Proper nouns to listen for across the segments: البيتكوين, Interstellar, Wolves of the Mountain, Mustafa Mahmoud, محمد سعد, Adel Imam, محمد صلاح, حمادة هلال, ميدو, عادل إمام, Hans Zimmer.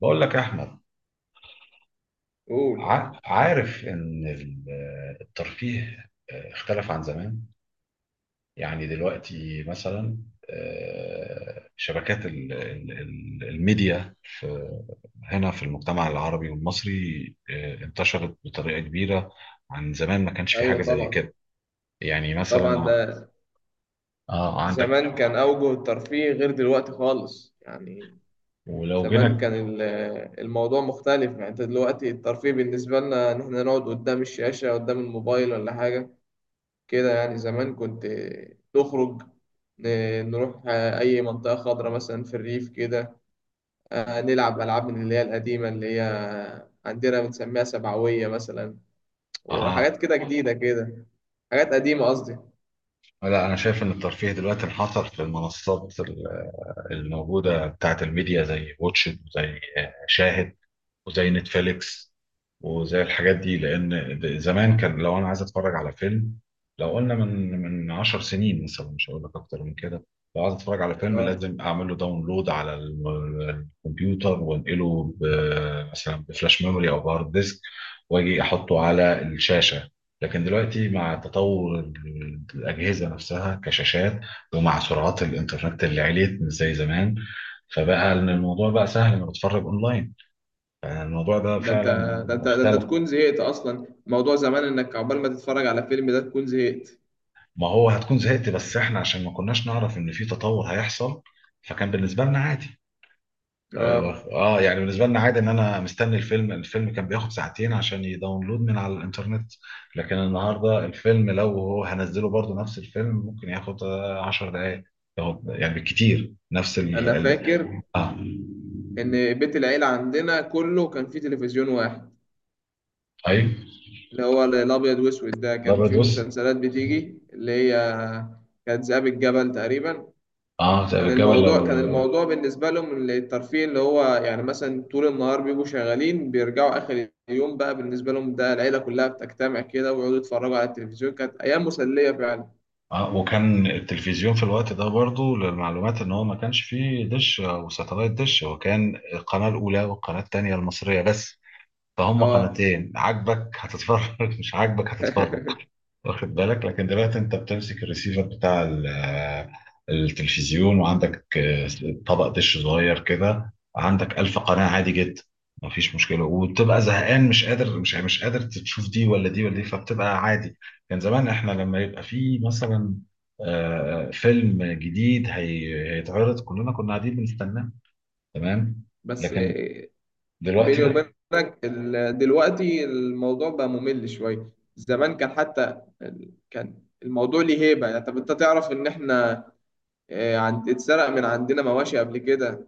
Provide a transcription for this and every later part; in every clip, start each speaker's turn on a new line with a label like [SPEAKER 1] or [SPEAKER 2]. [SPEAKER 1] بقول لك يا احمد
[SPEAKER 2] قول.
[SPEAKER 1] عارف ان الترفيه اختلف عن زمان، يعني دلوقتي مثلا شبكات الميديا في هنا في المجتمع العربي والمصري، انتشرت بطريقة كبيرة عن زمان، ما كانش في حاجة
[SPEAKER 2] ايوه
[SPEAKER 1] زي
[SPEAKER 2] طبعا،
[SPEAKER 1] كده. يعني
[SPEAKER 2] طبعا
[SPEAKER 1] مثلا
[SPEAKER 2] ده
[SPEAKER 1] عندك،
[SPEAKER 2] زمان كان اوجه الترفيه غير دلوقتي خالص يعني.
[SPEAKER 1] ولو
[SPEAKER 2] زمان كان
[SPEAKER 1] جينا
[SPEAKER 2] الموضوع مختلف، يعني انت دلوقتي الترفيه بالنسبه لنا ان احنا نقعد قدام الشاشه قدام الموبايل ولا حاجه كده يعني. زمان كنت تخرج، ن- نروح اي منطقه خضراء مثلا في الريف كده. نلعب العاب من اللي هي القديمه، اللي هي عندنا بنسميها سبعويه مثلا،
[SPEAKER 1] اه
[SPEAKER 2] وحاجات كده جديده كده. حاجات قديمه قصدي.
[SPEAKER 1] لا، انا شايف ان الترفيه دلوقتي انحصر في المنصات الموجودة بتاعت الميديا، زي واتشد وزي شاهد وزي نتفليكس وزي الحاجات دي، لان زمان كان لو انا عايز اتفرج على فيلم، لو قلنا من 10 سنين مثلا، مش هقول لك اكتر من كده، لو عايز اتفرج على فيلم
[SPEAKER 2] اه
[SPEAKER 1] لازم اعمل له داونلود على الكمبيوتر وانقله مثلا بفلاش ميموري او بهارد ديسك، واجي احطه على الشاشه. لكن دلوقتي مع تطور الاجهزه نفسها كشاشات، ومع سرعات الانترنت اللي عليت مش زي زمان، فبقى إن الموضوع بقى سهل انك تتفرج اونلاين. يعني الموضوع ده
[SPEAKER 2] ده انت
[SPEAKER 1] فعلا
[SPEAKER 2] ده انت
[SPEAKER 1] اختلف.
[SPEAKER 2] تكون زهقت اصلا. موضوع زمان انك عقبال ما تتفرج على فيلم ده تكون زهقت.
[SPEAKER 1] ما هو هتكون زهقت، بس احنا عشان ما كناش نعرف ان في تطور هيحصل، فكان بالنسبه لنا عادي. اه،
[SPEAKER 2] اه
[SPEAKER 1] يعني بالنسبه لنا عادي ان انا مستني الفيلم، الفيلم كان بياخد ساعتين عشان يداونلود من على الانترنت، لكن النهارده الفيلم لو هو هنزله برضه نفس الفيلم ممكن ياخد 10 دقائق، ياخد يعني بالكتير نفس
[SPEAKER 2] انا فاكر
[SPEAKER 1] اه.
[SPEAKER 2] ان بيت العيلة عندنا كله كان فيه تلفزيون واحد،
[SPEAKER 1] ايوه،
[SPEAKER 2] اللي هو الابيض واسود ده. كان
[SPEAKER 1] الابيض
[SPEAKER 2] فيه
[SPEAKER 1] وأسود.
[SPEAKER 2] مسلسلات بتيجي، اللي هي كانت ذئاب الجبل تقريبا.
[SPEAKER 1] اه، طب
[SPEAKER 2] كان
[SPEAKER 1] الجبل.
[SPEAKER 2] الموضوع، كان الموضوع بالنسبة لهم الترفيه اللي هو يعني مثلا طول النهار بيبقوا شغالين، بيرجعوا آخر اليوم بقى بالنسبة لهم ده العيلة كلها بتجتمع كده ويقعدوا يتفرجوا على التلفزيون. كانت أيام مسلية فعلا.
[SPEAKER 1] اه، وكان التلفزيون في الوقت ده برضو للمعلومات، ان هو ما كانش فيه دش او ساتلايت، دش هو كان القناة الاولى والقناة التانية المصرية بس، فهم
[SPEAKER 2] اه،
[SPEAKER 1] قناتين، عاجبك هتتفرج، مش عاجبك هتتفرج، واخد بالك. لكن دلوقتي انت بتمسك الريسيفر بتاع التلفزيون، وعندك طبق دش صغير كده، عندك ألف قناة عادي جدا، مفيش مشكلة، وبتبقى زهقان مش قادر مش قادر تشوف دي ولا دي ولا دي، فبتبقى عادي. كان زمان احنا لما يبقى في مثلا فيلم جديد هيتعرض كلنا كنا قاعدين بنستناه، تمام،
[SPEAKER 2] بس
[SPEAKER 1] لكن دلوقتي
[SPEAKER 2] بيني
[SPEAKER 1] لا.
[SPEAKER 2] وبينك دلوقتي الموضوع بقى ممل شوية. زمان كان حتى كان الموضوع ليه هيبة يعني. طب انت تعرف ان احنا عند اتسرق من عندنا مواشي قبل كده.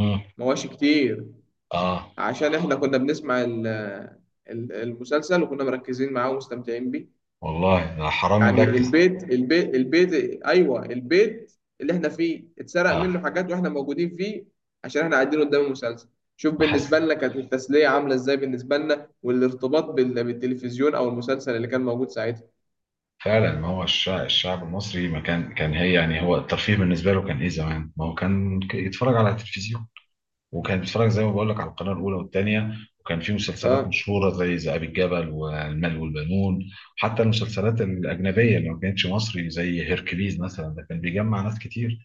[SPEAKER 1] مم.
[SPEAKER 2] مواشي كتير،
[SPEAKER 1] اه،
[SPEAKER 2] عشان احنا كنا بنسمع المسلسل، وكنا مركزين معاه ومستمتعين بيه.
[SPEAKER 1] والله أنا حرامي
[SPEAKER 2] يعني
[SPEAKER 1] مركز.
[SPEAKER 2] البيت، ايوه، البيت اللي احنا فيه اتسرق
[SPEAKER 1] اه،
[SPEAKER 2] منه حاجات واحنا موجودين فيه، عشان احنا قاعدين قدام المسلسل. شوف
[SPEAKER 1] ما حس،
[SPEAKER 2] بالنسبه لنا كانت التسليه عامله ازاي بالنسبه لنا، والارتباط بالتلفزيون او المسلسل اللي كان موجود ساعتها.
[SPEAKER 1] فعلا ما هو الشعب المصري ما كان هي يعني هو الترفيه بالنسبه له كان ايه زمان، ما هو كان يتفرج على التلفزيون، وكان بيتفرج زي ما بقول لك على القناه الاولى والثانيه، وكان في مسلسلات
[SPEAKER 2] اه
[SPEAKER 1] مشهوره زي ذئاب الجبل والمال والبنون، وحتى المسلسلات الاجنبيه اللي ما كانتش مصري زي هيركليز مثلا، ده كان بيجمع ناس كتير،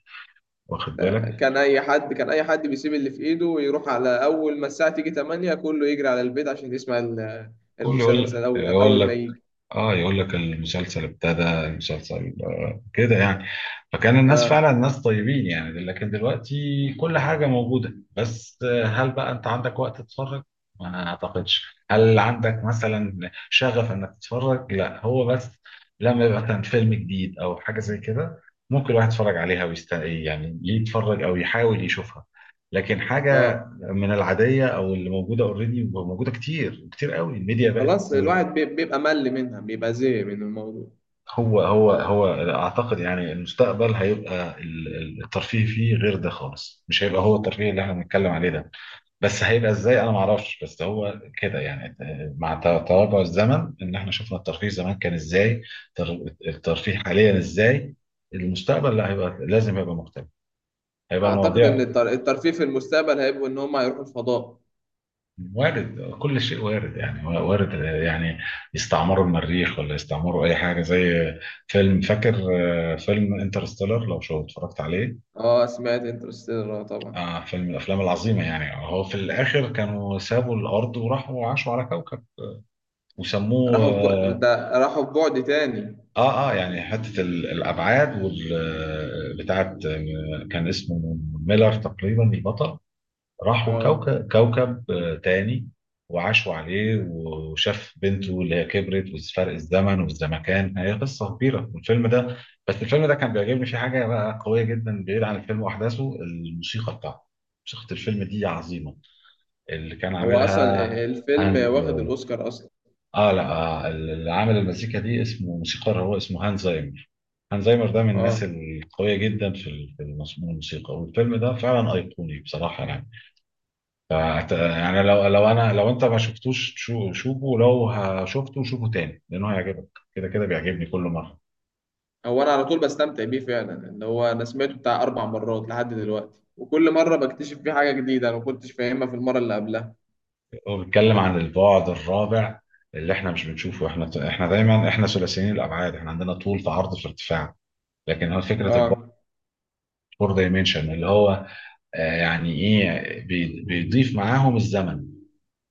[SPEAKER 1] واخد
[SPEAKER 2] ده
[SPEAKER 1] بالك.
[SPEAKER 2] كان اي حد بيسيب اللي في ايده ويروح، على اول ما الساعه تيجي 8 كله يجري على البيت عشان يسمع ال-
[SPEAKER 1] كل
[SPEAKER 2] المسلسل
[SPEAKER 1] يقول
[SPEAKER 2] اول
[SPEAKER 1] يقول
[SPEAKER 2] اول ما
[SPEAKER 1] لك،
[SPEAKER 2] يجي.
[SPEAKER 1] اه، يقول لك المسلسل ابتدى المسلسل كده يعني. فكان الناس
[SPEAKER 2] اه
[SPEAKER 1] فعلا ناس طيبين يعني، لكن دلوقتي كل حاجة موجودة، بس هل بقى انت عندك وقت تتفرج؟ ما اعتقدش. هل عندك مثلا شغف انك تتفرج؟ لا، هو بس لما يبقى مثلا فيلم جديد او حاجة زي كده ممكن الواحد يتفرج عليها ويست يعني يتفرج او يحاول يشوفها، لكن حاجة
[SPEAKER 2] اه
[SPEAKER 1] من العادية او اللي موجودة اوريدي، موجودة كتير كتير قوي، الميديا بقت.
[SPEAKER 2] خلاص الواحد بيبقى مل منها، بيبقى زهق من الموضوع.
[SPEAKER 1] هو هو هو اعتقد يعني المستقبل هيبقى الترفيه فيه غير ده خالص، مش هيبقى هو الترفيه اللي احنا بنتكلم عليه ده، بس هيبقى ازاي انا ما اعرفش، بس هو كده يعني مع تراجع الزمن ان احنا شفنا الترفيه زمان كان ازاي، الترفيه حاليا ازاي، المستقبل لا، هيبقى لازم يبقى مختلف، هيبقى
[SPEAKER 2] اعتقد ان
[SPEAKER 1] المواضيع
[SPEAKER 2] الترفيه في المستقبل هيبقوا ان هم هيروحوا الفضاء.
[SPEAKER 1] وارد، كل شيء وارد يعني، وارد يعني يستعمروا المريخ ولا يستعمروا اي حاجه زي فيلم، فاكر فيلم انترستيلر لو شو اتفرجت عليه؟
[SPEAKER 2] اه، سمعت انترستيلر، اه طبعا.
[SPEAKER 1] آه، فيلم من الافلام العظيمه يعني، هو في الاخر كانوا سابوا الارض وراحوا عاشوا على كوكب وسموه.
[SPEAKER 2] راحوا في بعد تاني.
[SPEAKER 1] اه اه، يعني حته الابعاد وال بتاعت كان اسمه ميلر تقريبا البطل، راحوا
[SPEAKER 2] اه،
[SPEAKER 1] كوكب كوكب تاني وعاشوا عليه، وشاف بنته اللي هي كبرت، وفرق الزمن والزمكان، هي قصه كبيره والفيلم ده. بس الفيلم ده كان بيعجبني فيه حاجه بقى قويه جدا، بعيد عن الفيلم واحداثه، الموسيقى بتاعته، موسيقى الفيلم دي عظيمه، اللي كان
[SPEAKER 2] هو اصلا
[SPEAKER 1] عاملها
[SPEAKER 2] الفيلم
[SPEAKER 1] هانز.
[SPEAKER 2] واخد الاوسكار اصلا.
[SPEAKER 1] اه لا، اللي عامل المزيكا دي اسمه موسيقار، هو اسمه هانز زايمر. هانز زايمر ده من الناس
[SPEAKER 2] اه،
[SPEAKER 1] القويه جدا في في الموسيقى، والفيلم ده فعلا ايقوني بصراحه يعني. يعني لو انت ما شفتوش، شوفه، لو شفته شوفه تاني لانه هيعجبك، كده كده بيعجبني كل مره.
[SPEAKER 2] هو انا على طول بستمتع بيه فعلا، اللي هو انا سمعته بتاع اربع مرات لحد دلوقتي، وكل مره بكتشف فيه حاجه جديده انا ما كنتش فاهمها في المره اللي قبلها.
[SPEAKER 1] هو بيتكلم عن البعد الرابع اللي احنا مش بنشوفه، احنا دايما ثلاثيين الابعاد، احنا عندنا طول في عرض في ارتفاع، لكن هو فكره البعد
[SPEAKER 2] اه،
[SPEAKER 1] فور دايمنشن اللي هو يعني ايه بيضيف معاهم الزمن،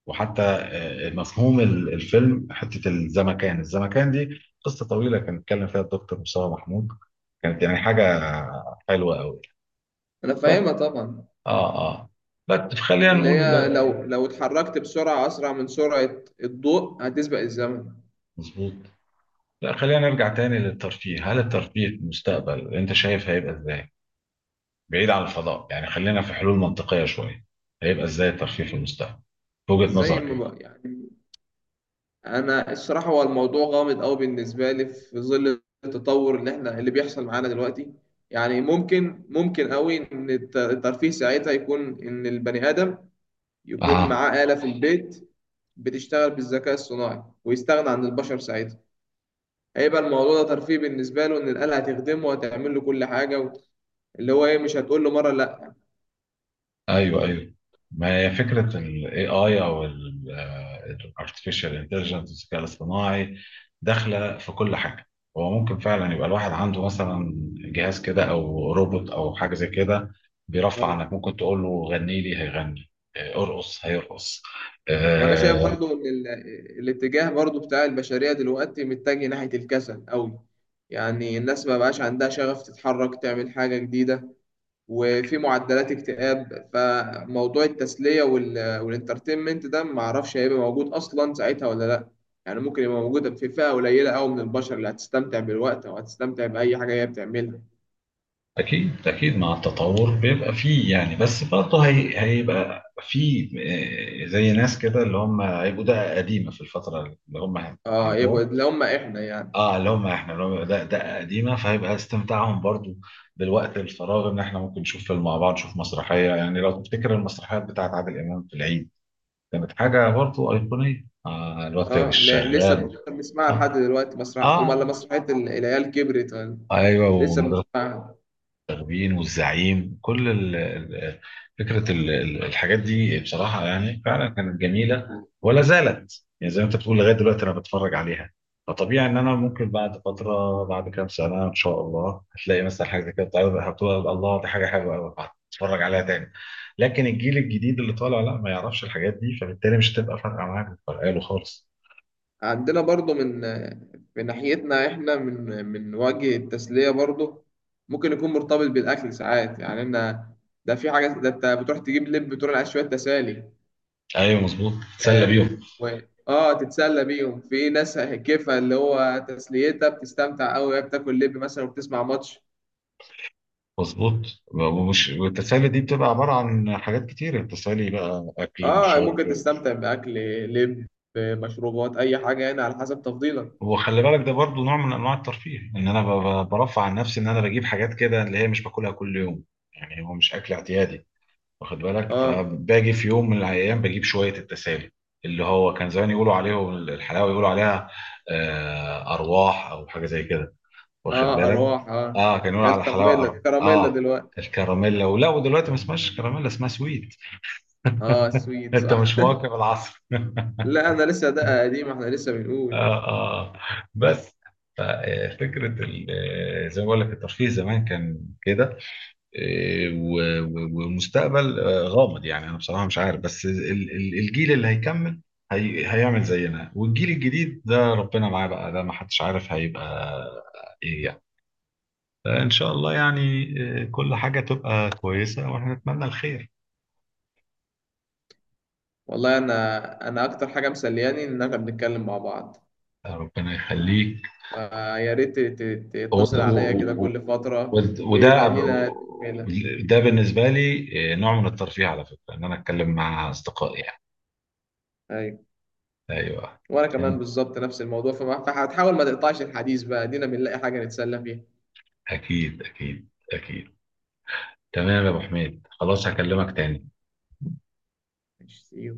[SPEAKER 1] وحتى مفهوم الفيلم حته الزمكان، الزمكان دي قصه طويله كان اتكلم فيها الدكتور مصطفى محمود، كانت يعني حاجه حلوه قوي.
[SPEAKER 2] انا
[SPEAKER 1] بس،
[SPEAKER 2] فاهمها طبعا،
[SPEAKER 1] اه اه، بس خلينا
[SPEAKER 2] اللي
[SPEAKER 1] نقول
[SPEAKER 2] هي لو اتحركت بسرعه اسرع من سرعه الضوء هتسبق الزمن.
[SPEAKER 1] مظبوط. لا، خلينا نرجع تاني للترفيه، هل الترفيه في المستقبل انت شايف هيبقى ازاي بعيد عن الفضاء يعني، خلينا في حلول منطقيه شويه، هيبقى ازاي الترفيه في المستقبل في وجهه
[SPEAKER 2] زي
[SPEAKER 1] نظرك
[SPEAKER 2] ما
[SPEAKER 1] ايه؟
[SPEAKER 2] بقى يعني، انا الصراحه هو الموضوع غامض قوي بالنسبه لي في ظل التطور اللي بيحصل معانا دلوقتي. يعني ممكن قوي ان الترفيه ساعتها يكون ان البني ادم يكون
[SPEAKER 1] اها،
[SPEAKER 2] معاه آلة في البيت بتشتغل بالذكاء الصناعي، ويستغنى عن البشر ساعتها. هيبقى الموضوع ده ترفيه بالنسبه له، ان الآلة هتخدمه وهتعمل له كل حاجه و... اللي هو ايه، مش هتقول له مره.
[SPEAKER 1] ايوه ايوه، ما هي فكره ال AI او ال Artificial Intelligence الذكاء الاصطناعي داخله في كل حاجه، هو ممكن فعلا يبقى الواحد عنده مثلا جهاز كده او روبوت او حاجه زي كده، بيرفع عنك،
[SPEAKER 2] لا،
[SPEAKER 1] ممكن تقول له غني لي هيغني، ارقص هيرقص.
[SPEAKER 2] وانا شايف
[SPEAKER 1] آه،
[SPEAKER 2] برضو ان الاتجاه برضو بتاع البشريه دلوقتي متجه ناحيه الكسل قوي. يعني الناس ما بقاش عندها شغف تتحرك تعمل حاجه جديده، وفي معدلات اكتئاب، فموضوع التسليه والانترتينمنت ده ما اعرفش هيبقى موجود اصلا ساعتها ولا لا. يعني ممكن يبقى موجود في فئه قليله قوي من البشر اللي هتستمتع بالوقت او هتستمتع باي حاجه هي بتعملها.
[SPEAKER 1] اكيد اكيد، مع التطور بيبقى فيه يعني، بس برضه هي هيبقى فيه زي ناس كده اللي هم هيبقوا ده قديمه في الفتره اللي هم
[SPEAKER 2] اه، يبقى
[SPEAKER 1] عندهم.
[SPEAKER 2] اللي هم احنا يعني.
[SPEAKER 1] اه، لو ما احنا لو ده قديمه فهيبقى استمتاعهم برضو بالوقت الفراغ ان احنا ممكن نشوف فيلم مع بعض، نشوف مسرحيه يعني، لو تفتكر المسرحيات بتاعت عادل امام في العيد كانت حاجه برضو ايقونيه، آه الوقت
[SPEAKER 2] اه لا، لسه
[SPEAKER 1] الشغال.
[SPEAKER 2] لسه بنسمعها لحد
[SPEAKER 1] اه,
[SPEAKER 2] دلوقتي، مسرح امال لا،
[SPEAKER 1] آه.
[SPEAKER 2] مسرحيه العيال كبرت ولا-.
[SPEAKER 1] ايوه.
[SPEAKER 2] لسه بنسمعها.
[SPEAKER 1] التخبين والزعيم كل فكرة الحاجات دي بصراحة يعني فعلا كانت جميلة ولا زالت يعني، زي ما انت بتقول لغاية دلوقتي انا بتفرج عليها، فطبيعي ان انا ممكن بعد فترة بعد كام سنة ان شاء الله هتلاقي مثلا حاجة زي كده بتعرض هتقول الله دي حاجة حلوة قوي، هتتفرج عليها تاني. لكن الجيل الجديد اللي طالع لا، ما يعرفش الحاجات دي، فبالتالي مش هتبقى فارقة معاه، مش فارقة له خالص.
[SPEAKER 2] عندنا برضو من ناحيتنا احنا، من وجه التسليه برضو. ممكن يكون مرتبط بالاكل ساعات، يعني انا ده في حاجه، ده انت بتروح تجيب لب، بتروح على شويه تسالي.
[SPEAKER 1] ايوه، مظبوط، تسلى
[SPEAKER 2] اه،
[SPEAKER 1] بيهم.
[SPEAKER 2] و- تتسلى بيهم. في ناس كيفها اللي هو تسليتها بتستمتع قوي وهي بتاكل لب مثلا وبتسمع ماتش.
[SPEAKER 1] مظبوط، ومش والتسالي دي بتبقى عباره عن حاجات كتير، التسالي بقى اكل
[SPEAKER 2] اه،
[SPEAKER 1] وشرب
[SPEAKER 2] ممكن
[SPEAKER 1] و-
[SPEAKER 2] تستمتع باكل لب، مشروبات، اي حاجه يعني على حسب تفضيلك.
[SPEAKER 1] وخلي بالك ده برضو نوع من انواع الترفيه، ان انا برفع عن نفسي ان انا بجيب حاجات كده اللي هي مش باكلها كل يوم، يعني هو مش اكل اعتيادي، واخد بالك،
[SPEAKER 2] اه،
[SPEAKER 1] فباجي في يوم من الايام بجيب شويه التسالي اللي هو كان زمان يقولوا عليه الحلاوه، يقولوا عليها ارواح او حاجه زي كده، واخد
[SPEAKER 2] اه
[SPEAKER 1] بالك.
[SPEAKER 2] ارواح اه.
[SPEAKER 1] اه، كانوا يقولوا
[SPEAKER 2] يا
[SPEAKER 1] على الحلاوه
[SPEAKER 2] الكراميلا
[SPEAKER 1] أر...
[SPEAKER 2] الكراميلا
[SPEAKER 1] اه
[SPEAKER 2] دلوقتي.
[SPEAKER 1] الكراميلا، ولا ودلوقتي ما اسمهاش كراميلا اسمها سويت،
[SPEAKER 2] اه السويت،
[SPEAKER 1] انت
[SPEAKER 2] صح.
[SPEAKER 1] مش مواكب العصر.
[SPEAKER 2] لا انا لسه ده قديم، احنا لسه بنقول.
[SPEAKER 1] اه اه، بس ف- فكرة زي ما بقول لك الترفيه زمان كان كده، و- و- والمستقبل غامض يعني، انا بصراحة مش عارف، بس الجيل اللي هيكمل هيعمل زينا، والجيل الجديد ده ربنا معاه بقى، ده ما حدش عارف هيبقى ايه يعني، فان شاء الله يعني كل حاجة تبقى كويسة، واحنا نتمنى الخير.
[SPEAKER 2] والله انا اكتر حاجه مسلياني ان احنا بنتكلم مع بعض.
[SPEAKER 1] ربنا يخليك.
[SPEAKER 2] آه، يا ريت تتصل عليا كده
[SPEAKER 1] هو
[SPEAKER 2] كل فتره ويبقى لينا تكمله.
[SPEAKER 1] ده بالنسبه لي نوع من الترفيه على فكره، ان انا اتكلم مع اصدقائي يعني.
[SPEAKER 2] ايوه،
[SPEAKER 1] ايوه،
[SPEAKER 2] وانا كمان
[SPEAKER 1] أكيد
[SPEAKER 2] بالظبط نفس الموضوع، فهتحاول ما تقطعش الحديث بقى، دينا بنلاقي حاجه نتسلى فيها.
[SPEAKER 1] أكيد أكيد أكيد. تمام يا أبو حميد، خلاص هكلمك تاني.
[SPEAKER 2] ماشي see you.